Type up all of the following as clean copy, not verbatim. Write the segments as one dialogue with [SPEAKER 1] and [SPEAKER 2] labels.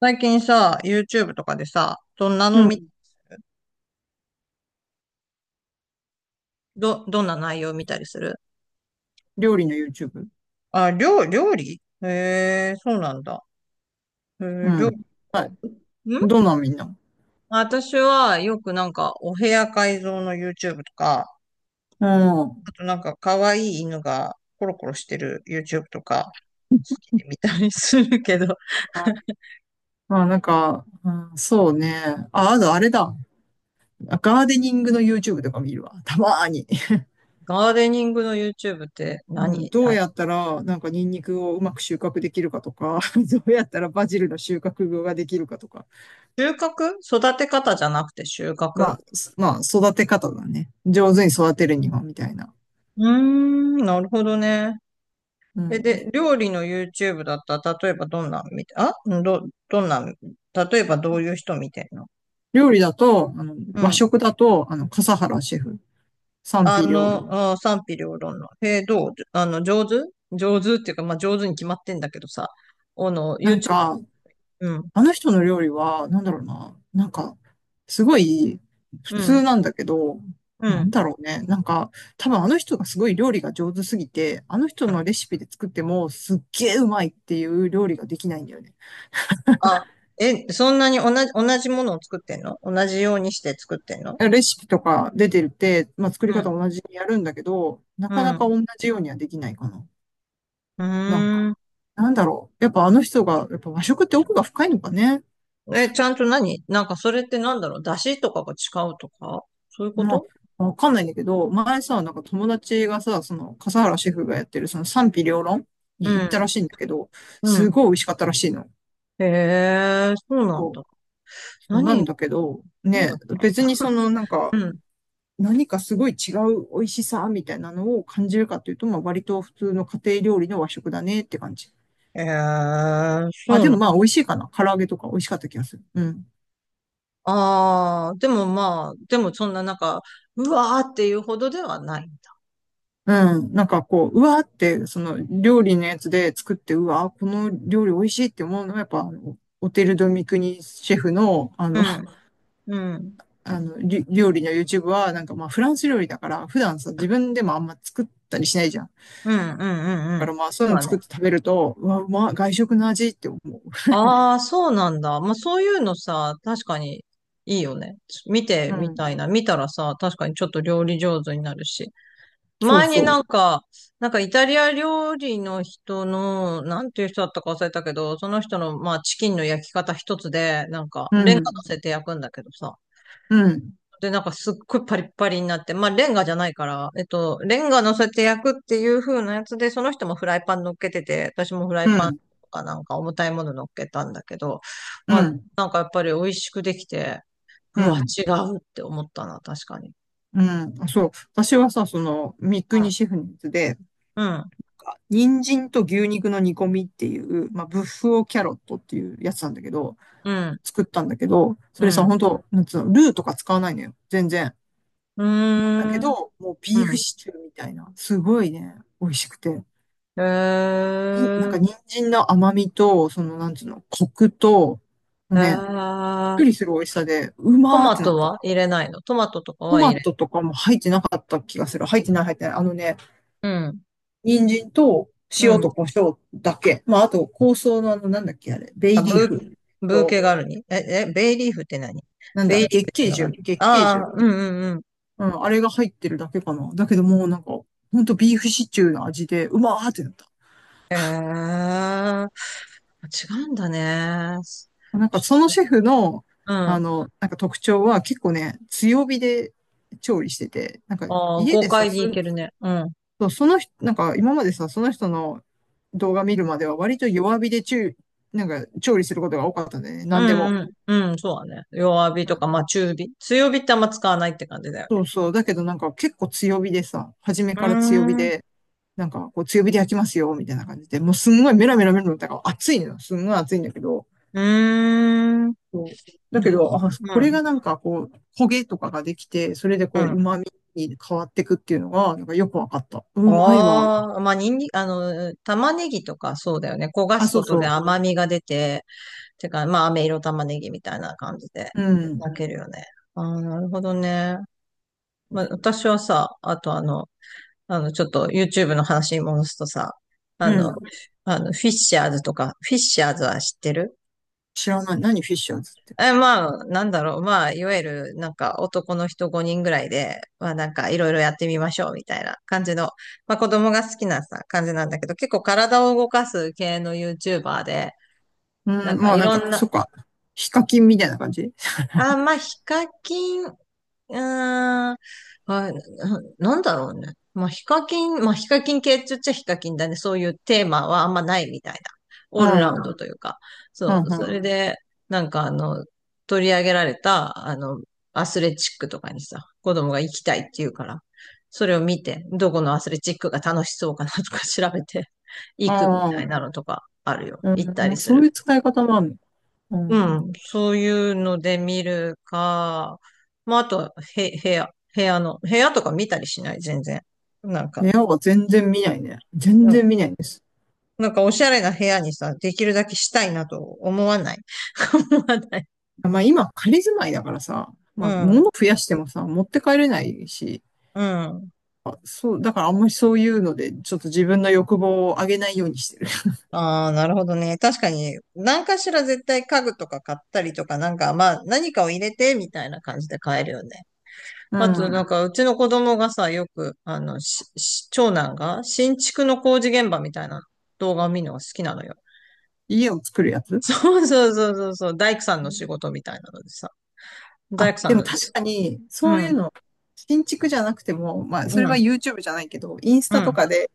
[SPEAKER 1] 最近さ、YouTube とかでさ、どんなの
[SPEAKER 2] う
[SPEAKER 1] み、
[SPEAKER 2] ん。
[SPEAKER 1] どんな内容見たりする？
[SPEAKER 2] 料理の YouTube。
[SPEAKER 1] あ、料理、へえ、そうなんだ。へ
[SPEAKER 2] う
[SPEAKER 1] え、料理
[SPEAKER 2] ん。はい。
[SPEAKER 1] かん。
[SPEAKER 2] どんなのみんな。
[SPEAKER 1] 私はよくなんかお部屋改造の YouTube とか、
[SPEAKER 2] うん。
[SPEAKER 1] あとなんか可愛い犬がコロコロしてる YouTube とか、好きで見たりするけど、
[SPEAKER 2] まあなんか、うん、そうね。あ、あとあれだ。ガーデニングの YouTube とか見るわ。たまーに。
[SPEAKER 1] ガーデニングの YouTube って
[SPEAKER 2] うん、どう
[SPEAKER 1] 何？
[SPEAKER 2] やったら、なんかニンニクをうまく収穫できるかとか、どうやったらバジルの収穫ができるかとか。
[SPEAKER 1] 収穫？育て方じゃなくて収
[SPEAKER 2] ま
[SPEAKER 1] 穫？
[SPEAKER 2] あ、育て方だね。上手に育てるには、みたいな。
[SPEAKER 1] うーん、なるほどね。
[SPEAKER 2] う
[SPEAKER 1] え、
[SPEAKER 2] ん。
[SPEAKER 1] で、料理の YouTube だったら、例えばどんなん見て、あんど、どんなん、例えばどういう人見てんの？
[SPEAKER 2] 料理だと、あの、
[SPEAKER 1] う
[SPEAKER 2] 和
[SPEAKER 1] ん。
[SPEAKER 2] 食だと、あの、笠原シェフ。賛
[SPEAKER 1] あ
[SPEAKER 2] 否両
[SPEAKER 1] の、
[SPEAKER 2] 論。
[SPEAKER 1] あ、賛否両論の。え、どう、あの、上手、上手っていうか、まあ、上手に決まってんだけどさ、あの、
[SPEAKER 2] なん
[SPEAKER 1] YouTube、
[SPEAKER 2] か、
[SPEAKER 1] うん、
[SPEAKER 2] あの人の料理は、なんだろうな、なんか、すごい普
[SPEAKER 1] う
[SPEAKER 2] 通
[SPEAKER 1] ん、
[SPEAKER 2] なんだけど、
[SPEAKER 1] う
[SPEAKER 2] なん
[SPEAKER 1] ん。
[SPEAKER 2] だろうね、なんか、多分あの人がすごい料理が上手すぎて、あの人のレシピで作ってもすっげえうまいっていう料理ができないんだよね。
[SPEAKER 1] あ、え、そんなに同じ、同じものを作ってんの？同じようにして作ってんの？
[SPEAKER 2] レシピとか出てるって、まあ、作り
[SPEAKER 1] う
[SPEAKER 2] 方
[SPEAKER 1] ん、
[SPEAKER 2] 同じにやるんだけど、な
[SPEAKER 1] う
[SPEAKER 2] かな
[SPEAKER 1] ん、
[SPEAKER 2] か同じようにはできないかな。
[SPEAKER 1] う
[SPEAKER 2] なんか、
[SPEAKER 1] ー
[SPEAKER 2] なんだろう。やっぱあの人が、やっぱ和食って奥が深いのかね。
[SPEAKER 1] ん。え、ちゃんと何、なんかそれってなんだろう、出汁とかが違うとか、そういうこ
[SPEAKER 2] ま
[SPEAKER 1] と？
[SPEAKER 2] あ、わかんないんだけど、前さ、なんか友達がさ、その、笠原シェフがやってる、その賛否両論
[SPEAKER 1] う
[SPEAKER 2] に行ったら
[SPEAKER 1] ん、
[SPEAKER 2] しいんだけど、
[SPEAKER 1] う
[SPEAKER 2] す
[SPEAKER 1] ん。
[SPEAKER 2] ごい美味しかったらしいの。
[SPEAKER 1] へえ、そうなん
[SPEAKER 2] そう、
[SPEAKER 1] だ。
[SPEAKER 2] そうなん
[SPEAKER 1] 何、
[SPEAKER 2] だけど、
[SPEAKER 1] 何が
[SPEAKER 2] ね、
[SPEAKER 1] 違うん
[SPEAKER 2] 別
[SPEAKER 1] だ。
[SPEAKER 2] にその、なんか、
[SPEAKER 1] うん。
[SPEAKER 2] 何かすごい違う美味しさみたいなのを感じるかっていうと、まあ、割と普通の家庭料理の和食だねって感じ。
[SPEAKER 1] ええ、
[SPEAKER 2] あ、
[SPEAKER 1] そ
[SPEAKER 2] で
[SPEAKER 1] うな
[SPEAKER 2] もま
[SPEAKER 1] ん。
[SPEAKER 2] あ、美味しいかな。唐揚げとか美味しかった気がする。うん。
[SPEAKER 1] ああー、でもまあ、でもそんななんか、うわーっていうほどではない。
[SPEAKER 2] うん。なんかこう、うわーって、その料理のやつで作って、うわー、この料理美味しいって思うのは、やっぱ、あのオテル・ド・ミクニシェフの、あ
[SPEAKER 1] う
[SPEAKER 2] の、
[SPEAKER 1] ん、うん、うん、
[SPEAKER 2] あの、料理の YouTube は、なんかまあ、フランス料理だから、普段さ、自分でもあんま作ったりしないじゃん。だ
[SPEAKER 1] うん、うん、う
[SPEAKER 2] か
[SPEAKER 1] ん。
[SPEAKER 2] らまあ、そう
[SPEAKER 1] そ
[SPEAKER 2] い
[SPEAKER 1] う
[SPEAKER 2] うの
[SPEAKER 1] だね。
[SPEAKER 2] 作って食べると、うわ、うまい、外食の味って思う。
[SPEAKER 1] ああ、そうなんだ。まあそういうのさ、確かにいいよね。見て
[SPEAKER 2] う
[SPEAKER 1] み
[SPEAKER 2] ん。
[SPEAKER 1] たいな。見たらさ、確かにちょっと料理上手になるし。
[SPEAKER 2] そう
[SPEAKER 1] 前にな
[SPEAKER 2] そ
[SPEAKER 1] んか、なんかイタリア料理の人の、なんていう人だったか忘れたけど、その人の、まあ、チキンの焼き方一つで、なんか、
[SPEAKER 2] う。う
[SPEAKER 1] レンガ乗
[SPEAKER 2] ん。
[SPEAKER 1] せて焼くんだけどさ。
[SPEAKER 2] うん。
[SPEAKER 1] で、なんかすっごいパリッパリになって、まあ、レンガじゃないから、レンガ乗せて焼くっていう風なやつで、その人もフライパン乗っけてて、私もフラ
[SPEAKER 2] う
[SPEAKER 1] イパン
[SPEAKER 2] ん。
[SPEAKER 1] とかなんか重たいもの乗っけたんだけど、
[SPEAKER 2] う
[SPEAKER 1] まあ、
[SPEAKER 2] ん。
[SPEAKER 1] なんかやっぱり美味しくできて、
[SPEAKER 2] う
[SPEAKER 1] うわ、
[SPEAKER 2] ん。
[SPEAKER 1] 違うって思ったな、確かに。
[SPEAKER 2] うん。あそう。私はさ、その、ミクニシェフのやつで、
[SPEAKER 1] うん、
[SPEAKER 2] 人参と牛肉の煮込みっていう、まあ、ブッフオキャロットっていうやつなんだけど、
[SPEAKER 1] うん、
[SPEAKER 2] 作ったんだけど、
[SPEAKER 1] う
[SPEAKER 2] そ
[SPEAKER 1] ん、
[SPEAKER 2] れさ、
[SPEAKER 1] うん。
[SPEAKER 2] 本当なんつうの、ルーとか使わないのよ。全然。
[SPEAKER 1] うー
[SPEAKER 2] だけ
[SPEAKER 1] ん。
[SPEAKER 2] ど、もうビ
[SPEAKER 1] う
[SPEAKER 2] ーフ
[SPEAKER 1] ん。
[SPEAKER 2] シチューみたいな。すごいね、美味しくて。
[SPEAKER 1] へ
[SPEAKER 2] になん
[SPEAKER 1] え、
[SPEAKER 2] か人参の甘みと、その、なんつうの、コクと、もうね、びっ
[SPEAKER 1] あ
[SPEAKER 2] く
[SPEAKER 1] ー、
[SPEAKER 2] りする美味しさで、う
[SPEAKER 1] ト
[SPEAKER 2] まーっ
[SPEAKER 1] マ
[SPEAKER 2] てな
[SPEAKER 1] ト
[SPEAKER 2] った。
[SPEAKER 1] は入れないの？トマトとか
[SPEAKER 2] ト
[SPEAKER 1] は
[SPEAKER 2] マ
[SPEAKER 1] 入れ。
[SPEAKER 2] トとかも入ってなかった気がする。入ってない、入ってない。あのね、
[SPEAKER 1] うん。
[SPEAKER 2] 人参と
[SPEAKER 1] う
[SPEAKER 2] 塩
[SPEAKER 1] ん。
[SPEAKER 2] と胡椒だけ。まあ、あと、香草のあの、なんだっけ、あれ、ベ
[SPEAKER 1] あ、
[SPEAKER 2] イリーフ
[SPEAKER 1] ブー
[SPEAKER 2] と、
[SPEAKER 1] ケガルニ。え、え、ベイリーフって何？
[SPEAKER 2] なんだ、
[SPEAKER 1] ベイリーフ
[SPEAKER 2] 月
[SPEAKER 1] って
[SPEAKER 2] 桂
[SPEAKER 1] のがあ
[SPEAKER 2] 樹、
[SPEAKER 1] る、
[SPEAKER 2] 月桂
[SPEAKER 1] あ
[SPEAKER 2] 樹。
[SPEAKER 1] ー、うんうんうん。
[SPEAKER 2] うん、あれが入ってるだけかな。だけどもうなんか、ほんとビーフシチューの味で、うまーってなった。
[SPEAKER 1] へえー、違うんだね。
[SPEAKER 2] なんか、
[SPEAKER 1] ち
[SPEAKER 2] その
[SPEAKER 1] ょっと、
[SPEAKER 2] シェフの、
[SPEAKER 1] う
[SPEAKER 2] あ
[SPEAKER 1] ん。
[SPEAKER 2] の、なんか特徴は結構ね、強火で調理してて、なんか、
[SPEAKER 1] ああ、
[SPEAKER 2] 家
[SPEAKER 1] 豪
[SPEAKER 2] でさ、
[SPEAKER 1] 快にいけるね。うん。
[SPEAKER 2] そうその人、なんか、今までさ、その人の動画見るまでは割と弱火で中、なんか、調理することが多かったんだよね。
[SPEAKER 1] う
[SPEAKER 2] なんで
[SPEAKER 1] ん
[SPEAKER 2] も。
[SPEAKER 1] うん。うん、そうだね。弱火とか、まあ中火。強火ってあんま使わないって感じだよ
[SPEAKER 2] そ
[SPEAKER 1] ね。
[SPEAKER 2] うそう。だけどなんか結構強火でさ、初め
[SPEAKER 1] うー
[SPEAKER 2] から強火
[SPEAKER 1] ん。
[SPEAKER 2] で、なんかこう強火で焼きますよ、みたいな感じで、もうすんごいメラメラメラメラ、だから熱いのよ。すんごい熱いんだけど、
[SPEAKER 1] うーん。
[SPEAKER 2] そうだけど、あ、
[SPEAKER 1] う
[SPEAKER 2] これ
[SPEAKER 1] ん。
[SPEAKER 2] がなんかこう、焦げとかができて、それで
[SPEAKER 1] う
[SPEAKER 2] こう、
[SPEAKER 1] ん。
[SPEAKER 2] 旨味に変わってくっていうのが、なんかよくわかった。うまいわ。
[SPEAKER 1] ああ、まあ、にんに、あの、玉ねぎとかそうだよね。焦が
[SPEAKER 2] あ、
[SPEAKER 1] す
[SPEAKER 2] そ
[SPEAKER 1] こ
[SPEAKER 2] う
[SPEAKER 1] とで
[SPEAKER 2] そ
[SPEAKER 1] 甘みが出て、てか、まあ、飴色玉ねぎみたいな感じで、
[SPEAKER 2] う。うん。
[SPEAKER 1] 焼けるよね。ああ、なるほどね。まあ、私はさ、あとあの、あの、ちょっと YouTube の話に戻すとさ、あ
[SPEAKER 2] う
[SPEAKER 1] の、
[SPEAKER 2] ん。
[SPEAKER 1] あの、フィッシャーズとか、フィッシャーズは知ってる？
[SPEAKER 2] 知らない。何フィッシャーズって。
[SPEAKER 1] え、まあ、なんだろう。まあ、いわゆる、なんか、男の人5人ぐらいで、まあ、なんか、いろいろやってみましょう、みたいな感じの、まあ、子供が好きなさ、感じなんだけど、結構体を動かす系の YouTuber で、
[SPEAKER 2] う
[SPEAKER 1] なん
[SPEAKER 2] ん。
[SPEAKER 1] か、
[SPEAKER 2] まあ
[SPEAKER 1] い
[SPEAKER 2] なん
[SPEAKER 1] ろ
[SPEAKER 2] か、
[SPEAKER 1] ん
[SPEAKER 2] そっ
[SPEAKER 1] な、
[SPEAKER 2] か。ヒカキンみたいな感じ。
[SPEAKER 1] あ、まあ、ヒカキン、うーん。あ、な、なんだろうね。まあ、ヒカキン、まあ、ヒカキン系って言っちゃヒカキンだね。そういうテーマはあんまないみたいな。
[SPEAKER 2] う
[SPEAKER 1] オールラウンド
[SPEAKER 2] ん。
[SPEAKER 1] というか。
[SPEAKER 2] う
[SPEAKER 1] そう。
[SPEAKER 2] ん、う
[SPEAKER 1] そ
[SPEAKER 2] ん。
[SPEAKER 1] れで、なんかあの、取り上げられた、あの、アスレチックとかにさ、子供が行きたいって言うから、それを見て、どこのアスレチックが楽しそうかなとか調べて、行くみ
[SPEAKER 2] あ
[SPEAKER 1] たいな
[SPEAKER 2] あ。
[SPEAKER 1] のとかあるよ。行った
[SPEAKER 2] う
[SPEAKER 1] り
[SPEAKER 2] ん、
[SPEAKER 1] す
[SPEAKER 2] そうい
[SPEAKER 1] る。
[SPEAKER 2] う使い方もあるの。うん。
[SPEAKER 1] うん、そういうので見るか、まあ、あとは、へ、部屋、部屋の、部屋とか見たりしない、全然。なんか、
[SPEAKER 2] 部屋は全然見ないね。全
[SPEAKER 1] なんか
[SPEAKER 2] 然見ないんです。
[SPEAKER 1] なんかおしゃれな部屋にさ、できるだけしたいなと思わない。思わない。
[SPEAKER 2] まあ今仮住まいだからさ、
[SPEAKER 1] う
[SPEAKER 2] まあ物
[SPEAKER 1] ん、
[SPEAKER 2] 増やしてもさ、持って帰れないし、
[SPEAKER 1] うん。
[SPEAKER 2] あそう、だからあんまりそういうので、ちょっと自分の欲望を上げないようにしてる。
[SPEAKER 1] ああ、なるほどね。確かに、何かしら絶対家具とか買ったりとか、なんか、まあ、何かを入れて、みたいな感じで買えるよね。
[SPEAKER 2] う
[SPEAKER 1] あと、なん
[SPEAKER 2] ん。
[SPEAKER 1] か、うちの子供がさ、よく、あの、し長男が、新築の工事現場みたいな動画を見るのが好きなのよ。
[SPEAKER 2] 家を作るやつ。
[SPEAKER 1] そうそうそうそうそう、大工さんの仕事みたいなのでさ、大
[SPEAKER 2] あ、
[SPEAKER 1] 工さ
[SPEAKER 2] で
[SPEAKER 1] ん
[SPEAKER 2] も
[SPEAKER 1] ので
[SPEAKER 2] 確
[SPEAKER 1] す。
[SPEAKER 2] かに、
[SPEAKER 1] う
[SPEAKER 2] そういう
[SPEAKER 1] ん、
[SPEAKER 2] の、新築じゃなくても、まあ
[SPEAKER 1] う
[SPEAKER 2] それは
[SPEAKER 1] ん、
[SPEAKER 2] YouTube じゃないけど、インス
[SPEAKER 1] う
[SPEAKER 2] タと
[SPEAKER 1] ん、
[SPEAKER 2] かで、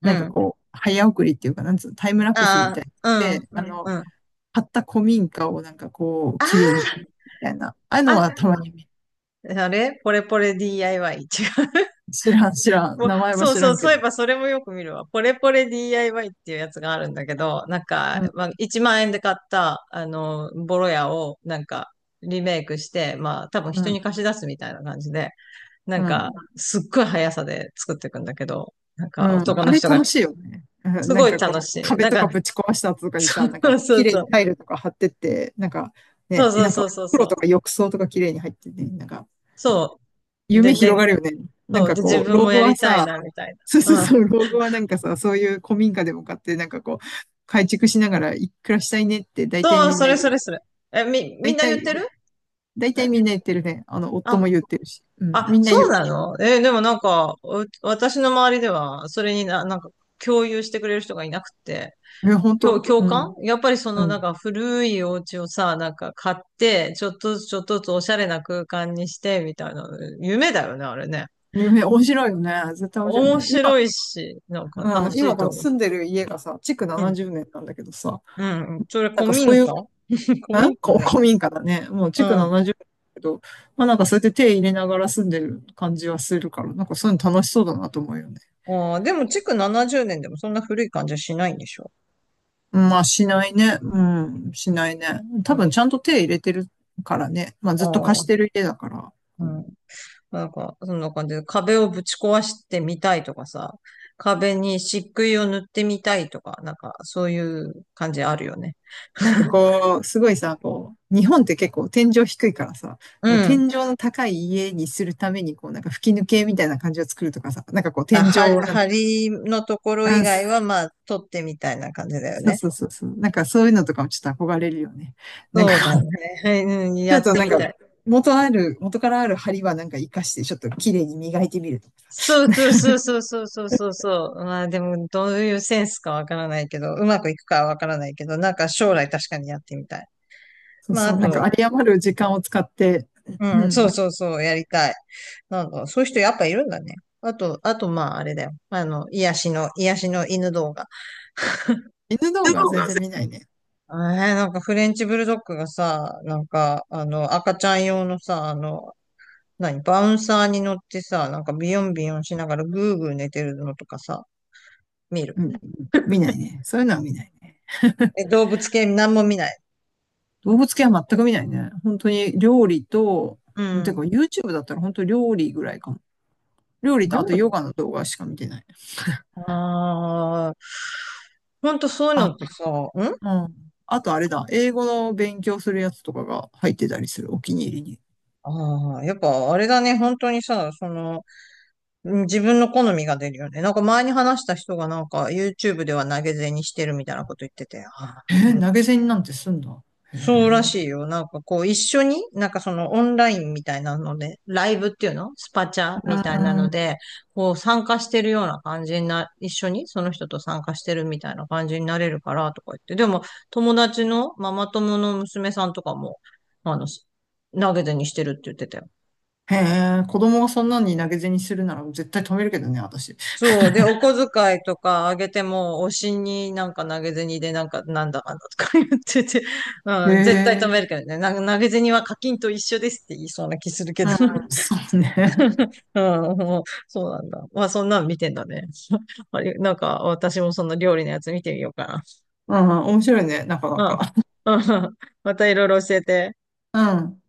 [SPEAKER 1] う
[SPEAKER 2] なんか
[SPEAKER 1] ん。
[SPEAKER 2] こう、早送りっていうか、なんつうの、タイムラプスみ
[SPEAKER 1] あ
[SPEAKER 2] たい
[SPEAKER 1] あ、うん、
[SPEAKER 2] で、
[SPEAKER 1] う
[SPEAKER 2] あ
[SPEAKER 1] ん、
[SPEAKER 2] の、
[SPEAKER 1] うん。
[SPEAKER 2] 買った古民家をなんかこう、綺麗に、みたいな、ああいう
[SPEAKER 1] あ、
[SPEAKER 2] のはたまに見。
[SPEAKER 1] あれポレポレ DIY。違う。
[SPEAKER 2] 知らん、知らん。
[SPEAKER 1] もう
[SPEAKER 2] 名前は
[SPEAKER 1] そう
[SPEAKER 2] 知ら
[SPEAKER 1] そう、
[SPEAKER 2] ん
[SPEAKER 1] そ
[SPEAKER 2] け
[SPEAKER 1] ういえ
[SPEAKER 2] ど。
[SPEAKER 1] ばそれもよく見るわ。ポレポレ DIY っていうやつがあるんだけど、なんか、
[SPEAKER 2] うん、
[SPEAKER 1] まあ、1万円で買った、あの、ボロ屋を、なんか、リメイクして、まあ、多分
[SPEAKER 2] う
[SPEAKER 1] 人
[SPEAKER 2] ん、
[SPEAKER 1] に貸し出すみたいな感じで、な
[SPEAKER 2] う
[SPEAKER 1] んか、
[SPEAKER 2] ん、
[SPEAKER 1] すっごい速さで作っていくんだけど、なん
[SPEAKER 2] う
[SPEAKER 1] か、
[SPEAKER 2] ん。
[SPEAKER 1] 男
[SPEAKER 2] あ
[SPEAKER 1] の
[SPEAKER 2] れ
[SPEAKER 1] 人が、
[SPEAKER 2] 楽しいよね。うん
[SPEAKER 1] す
[SPEAKER 2] なん
[SPEAKER 1] ごい
[SPEAKER 2] か
[SPEAKER 1] 楽
[SPEAKER 2] こう、
[SPEAKER 1] しい。
[SPEAKER 2] 壁
[SPEAKER 1] なん
[SPEAKER 2] とか
[SPEAKER 1] か、
[SPEAKER 2] ぶち壊した後とかにさ、なんか
[SPEAKER 1] そう
[SPEAKER 2] こう、
[SPEAKER 1] そう
[SPEAKER 2] 綺麗
[SPEAKER 1] そ
[SPEAKER 2] にタ
[SPEAKER 1] う。
[SPEAKER 2] イルとか貼ってって、なんか
[SPEAKER 1] そう
[SPEAKER 2] ね、
[SPEAKER 1] そう
[SPEAKER 2] なんか
[SPEAKER 1] そう
[SPEAKER 2] お
[SPEAKER 1] そう
[SPEAKER 2] 風呂
[SPEAKER 1] そ
[SPEAKER 2] とか
[SPEAKER 1] う。
[SPEAKER 2] 浴槽とか綺麗に入ってて、なんか
[SPEAKER 1] そう。
[SPEAKER 2] 夢
[SPEAKER 1] で、
[SPEAKER 2] 広がるよね。なん
[SPEAKER 1] そう。
[SPEAKER 2] か
[SPEAKER 1] で、自
[SPEAKER 2] こう、
[SPEAKER 1] 分
[SPEAKER 2] 老
[SPEAKER 1] も
[SPEAKER 2] 後
[SPEAKER 1] や
[SPEAKER 2] は
[SPEAKER 1] りたい
[SPEAKER 2] さ、
[SPEAKER 1] な、みたい
[SPEAKER 2] そうそう
[SPEAKER 1] な。うん。
[SPEAKER 2] そう、老後はなんかさ、そういう古民家でも買って、なんかこう、改築しながらいくらしたいねって大体
[SPEAKER 1] そう、
[SPEAKER 2] みん
[SPEAKER 1] そ
[SPEAKER 2] な
[SPEAKER 1] れ
[SPEAKER 2] 言
[SPEAKER 1] そ
[SPEAKER 2] うよ。
[SPEAKER 1] れそれ。え、みん
[SPEAKER 2] 大
[SPEAKER 1] な言っ
[SPEAKER 2] 体、
[SPEAKER 1] てる？
[SPEAKER 2] 大
[SPEAKER 1] え、
[SPEAKER 2] 体みんな言ってるね。あの、夫も
[SPEAKER 1] あ、
[SPEAKER 2] 言ってるし。うん、
[SPEAKER 1] あ、
[SPEAKER 2] みんな
[SPEAKER 1] そ
[SPEAKER 2] 言
[SPEAKER 1] う
[SPEAKER 2] う。
[SPEAKER 1] なの？え、でもなんか、う、私の周りでは、それにな、なんか、共有してくれる人がいなくて、
[SPEAKER 2] え、本当？う
[SPEAKER 1] 共感、
[SPEAKER 2] ん。
[SPEAKER 1] やっぱりそ
[SPEAKER 2] う
[SPEAKER 1] のなん
[SPEAKER 2] ん。
[SPEAKER 1] か古いお家をさ、なんか買って、ちょっとずつちょっとずつおしゃれな空間にして、みたいな、夢だよね、あれね。
[SPEAKER 2] 夢、面白いよね。絶対面白いよ
[SPEAKER 1] 面
[SPEAKER 2] ね。
[SPEAKER 1] 白いし、なんか
[SPEAKER 2] 今、うん、
[SPEAKER 1] 楽し
[SPEAKER 2] 今
[SPEAKER 1] い
[SPEAKER 2] こ
[SPEAKER 1] と
[SPEAKER 2] の
[SPEAKER 1] 思う。
[SPEAKER 2] 住んでる家がさ、築70年なんだけどさ、
[SPEAKER 1] うんうん。それ
[SPEAKER 2] なん
[SPEAKER 1] 古
[SPEAKER 2] かそう
[SPEAKER 1] 民
[SPEAKER 2] いう、
[SPEAKER 1] 家？
[SPEAKER 2] ん、
[SPEAKER 1] 古民家では
[SPEAKER 2] 古
[SPEAKER 1] ない。
[SPEAKER 2] 民家だね。もう
[SPEAKER 1] う
[SPEAKER 2] 築
[SPEAKER 1] ん。
[SPEAKER 2] 70年だけど、まあなんかそうやって手入れながら住んでる感じはするから、なんかそういうの楽しそうだなと思うよね。
[SPEAKER 1] ああ、でも、築70年でもそんな古い感じはしないんでしょ？
[SPEAKER 2] まあしないね。うん、しないね。
[SPEAKER 1] う
[SPEAKER 2] 多分
[SPEAKER 1] ん。
[SPEAKER 2] ちゃんと手入れてるからね。まあ
[SPEAKER 1] あ
[SPEAKER 2] ずっと貸
[SPEAKER 1] あ、
[SPEAKER 2] してる家だから。
[SPEAKER 1] うん。なんか、そんな感じで、壁をぶち壊してみたいとかさ、壁に漆喰を塗ってみたいとか、なんか、そういう感じあるよね。
[SPEAKER 2] なんかこう、すごいさ、こう、日本って結構天井低いからさ、
[SPEAKER 1] う
[SPEAKER 2] なんか
[SPEAKER 1] ん。
[SPEAKER 2] 天井の高い家にするために、こう、なんか吹き抜けみたいな感じを作るとかさ、なんかこう、
[SPEAKER 1] あ、
[SPEAKER 2] 天井をなんか、
[SPEAKER 1] は、梁のところ以
[SPEAKER 2] あ、
[SPEAKER 1] 外
[SPEAKER 2] す
[SPEAKER 1] は、まあ、取ってみたいな感じだよ
[SPEAKER 2] そう
[SPEAKER 1] ね。
[SPEAKER 2] そうそうそう、なんかそういうのとかもちょっと憧れるよね。なんか
[SPEAKER 1] そうだ
[SPEAKER 2] こう、
[SPEAKER 1] ね。はい、うん、
[SPEAKER 2] ち
[SPEAKER 1] や
[SPEAKER 2] ょ
[SPEAKER 1] っ
[SPEAKER 2] っと
[SPEAKER 1] て
[SPEAKER 2] なん
[SPEAKER 1] み
[SPEAKER 2] か、
[SPEAKER 1] たい。
[SPEAKER 2] 元ある、元からある梁はなんか活かして、ちょっと綺麗に磨いてみるとか。
[SPEAKER 1] そうそうそうそうそうそうそう、まあでも、どういうセンスかわからないけど、うまくいくかはわからないけど、なんか将来確かにやってみたい。
[SPEAKER 2] そう
[SPEAKER 1] まあ
[SPEAKER 2] そ
[SPEAKER 1] あ
[SPEAKER 2] う、なんか
[SPEAKER 1] と、
[SPEAKER 2] 有り余る時間を使って、
[SPEAKER 1] う
[SPEAKER 2] う
[SPEAKER 1] ん、そ
[SPEAKER 2] ん、
[SPEAKER 1] うそうそう、やりたい。なんか、そういう人やっぱいるんだね。あと、あとまああれだよ。あの、癒しの、癒しの犬動画。
[SPEAKER 2] 犬動画は全然見ないね。
[SPEAKER 1] えー、なんかフレンチブルドッグがさ、なんか、あの、赤ちゃん用のさ、あの、何、バウンサーに乗ってさ、なんかビヨンビヨンしながらグーグー寝てるのとかさ、見る。
[SPEAKER 2] うん、見ないね。そういうのは見ない。
[SPEAKER 1] え、動物系なんも見ない？
[SPEAKER 2] 動物系は全く見ないね。本当に料理と、
[SPEAKER 1] う
[SPEAKER 2] て
[SPEAKER 1] ん。
[SPEAKER 2] か YouTube だったら本当料理ぐらいかも。料理とあ
[SPEAKER 1] 料
[SPEAKER 2] とヨ
[SPEAKER 1] 理、
[SPEAKER 2] ガの動画しか見てない。
[SPEAKER 1] ああー、ほんとそういう
[SPEAKER 2] あ、
[SPEAKER 1] のってさ、ん、
[SPEAKER 2] うん。あとあれだ、英語の勉強するやつとかが入ってたりする、お気に入りに。
[SPEAKER 1] ああー、やっぱあれだね、本当にさ、その、うん、自分の好みが出るよね。なんか前に話した人がなんか YouTube では投げ銭してるみたいなこと言ってて、あ、あ、
[SPEAKER 2] えー投げ銭なんてすんだ。う
[SPEAKER 1] そうらしいよ。なんかこう、一緒に、なんかそのオンラインみたいなので、ライブっていうのスパチャみたいな
[SPEAKER 2] ー
[SPEAKER 1] の
[SPEAKER 2] ん。
[SPEAKER 1] で、こう参加してるような感じにな、一緒にその人と参加してるみたいな感じになれるからとか言って、でも友達のママ友の娘さんとかも、あの、投げ銭してるって言ってたよ。
[SPEAKER 2] へえ、子供がそんなに投げ銭するなら絶対止めるけどね、私。
[SPEAKER 1] そう。で、お小遣いとかあげても、推しになんか投げ銭でなんか、なんだかんだとか言ってて、
[SPEAKER 2] へ
[SPEAKER 1] うん、絶対止
[SPEAKER 2] え、
[SPEAKER 1] めるけどね。なんか投げ銭は課金と一緒ですって言いそうな気するけど。
[SPEAKER 2] そうね。
[SPEAKER 1] うん、もうそうなんだ。まあ、そんなん見てんだね。あれ、なんか、私もその料理のやつ見てみようか
[SPEAKER 2] うん、面白いね、なかな
[SPEAKER 1] な。
[SPEAKER 2] か。
[SPEAKER 1] うん。うん。またいろいろ教えて。
[SPEAKER 2] うん。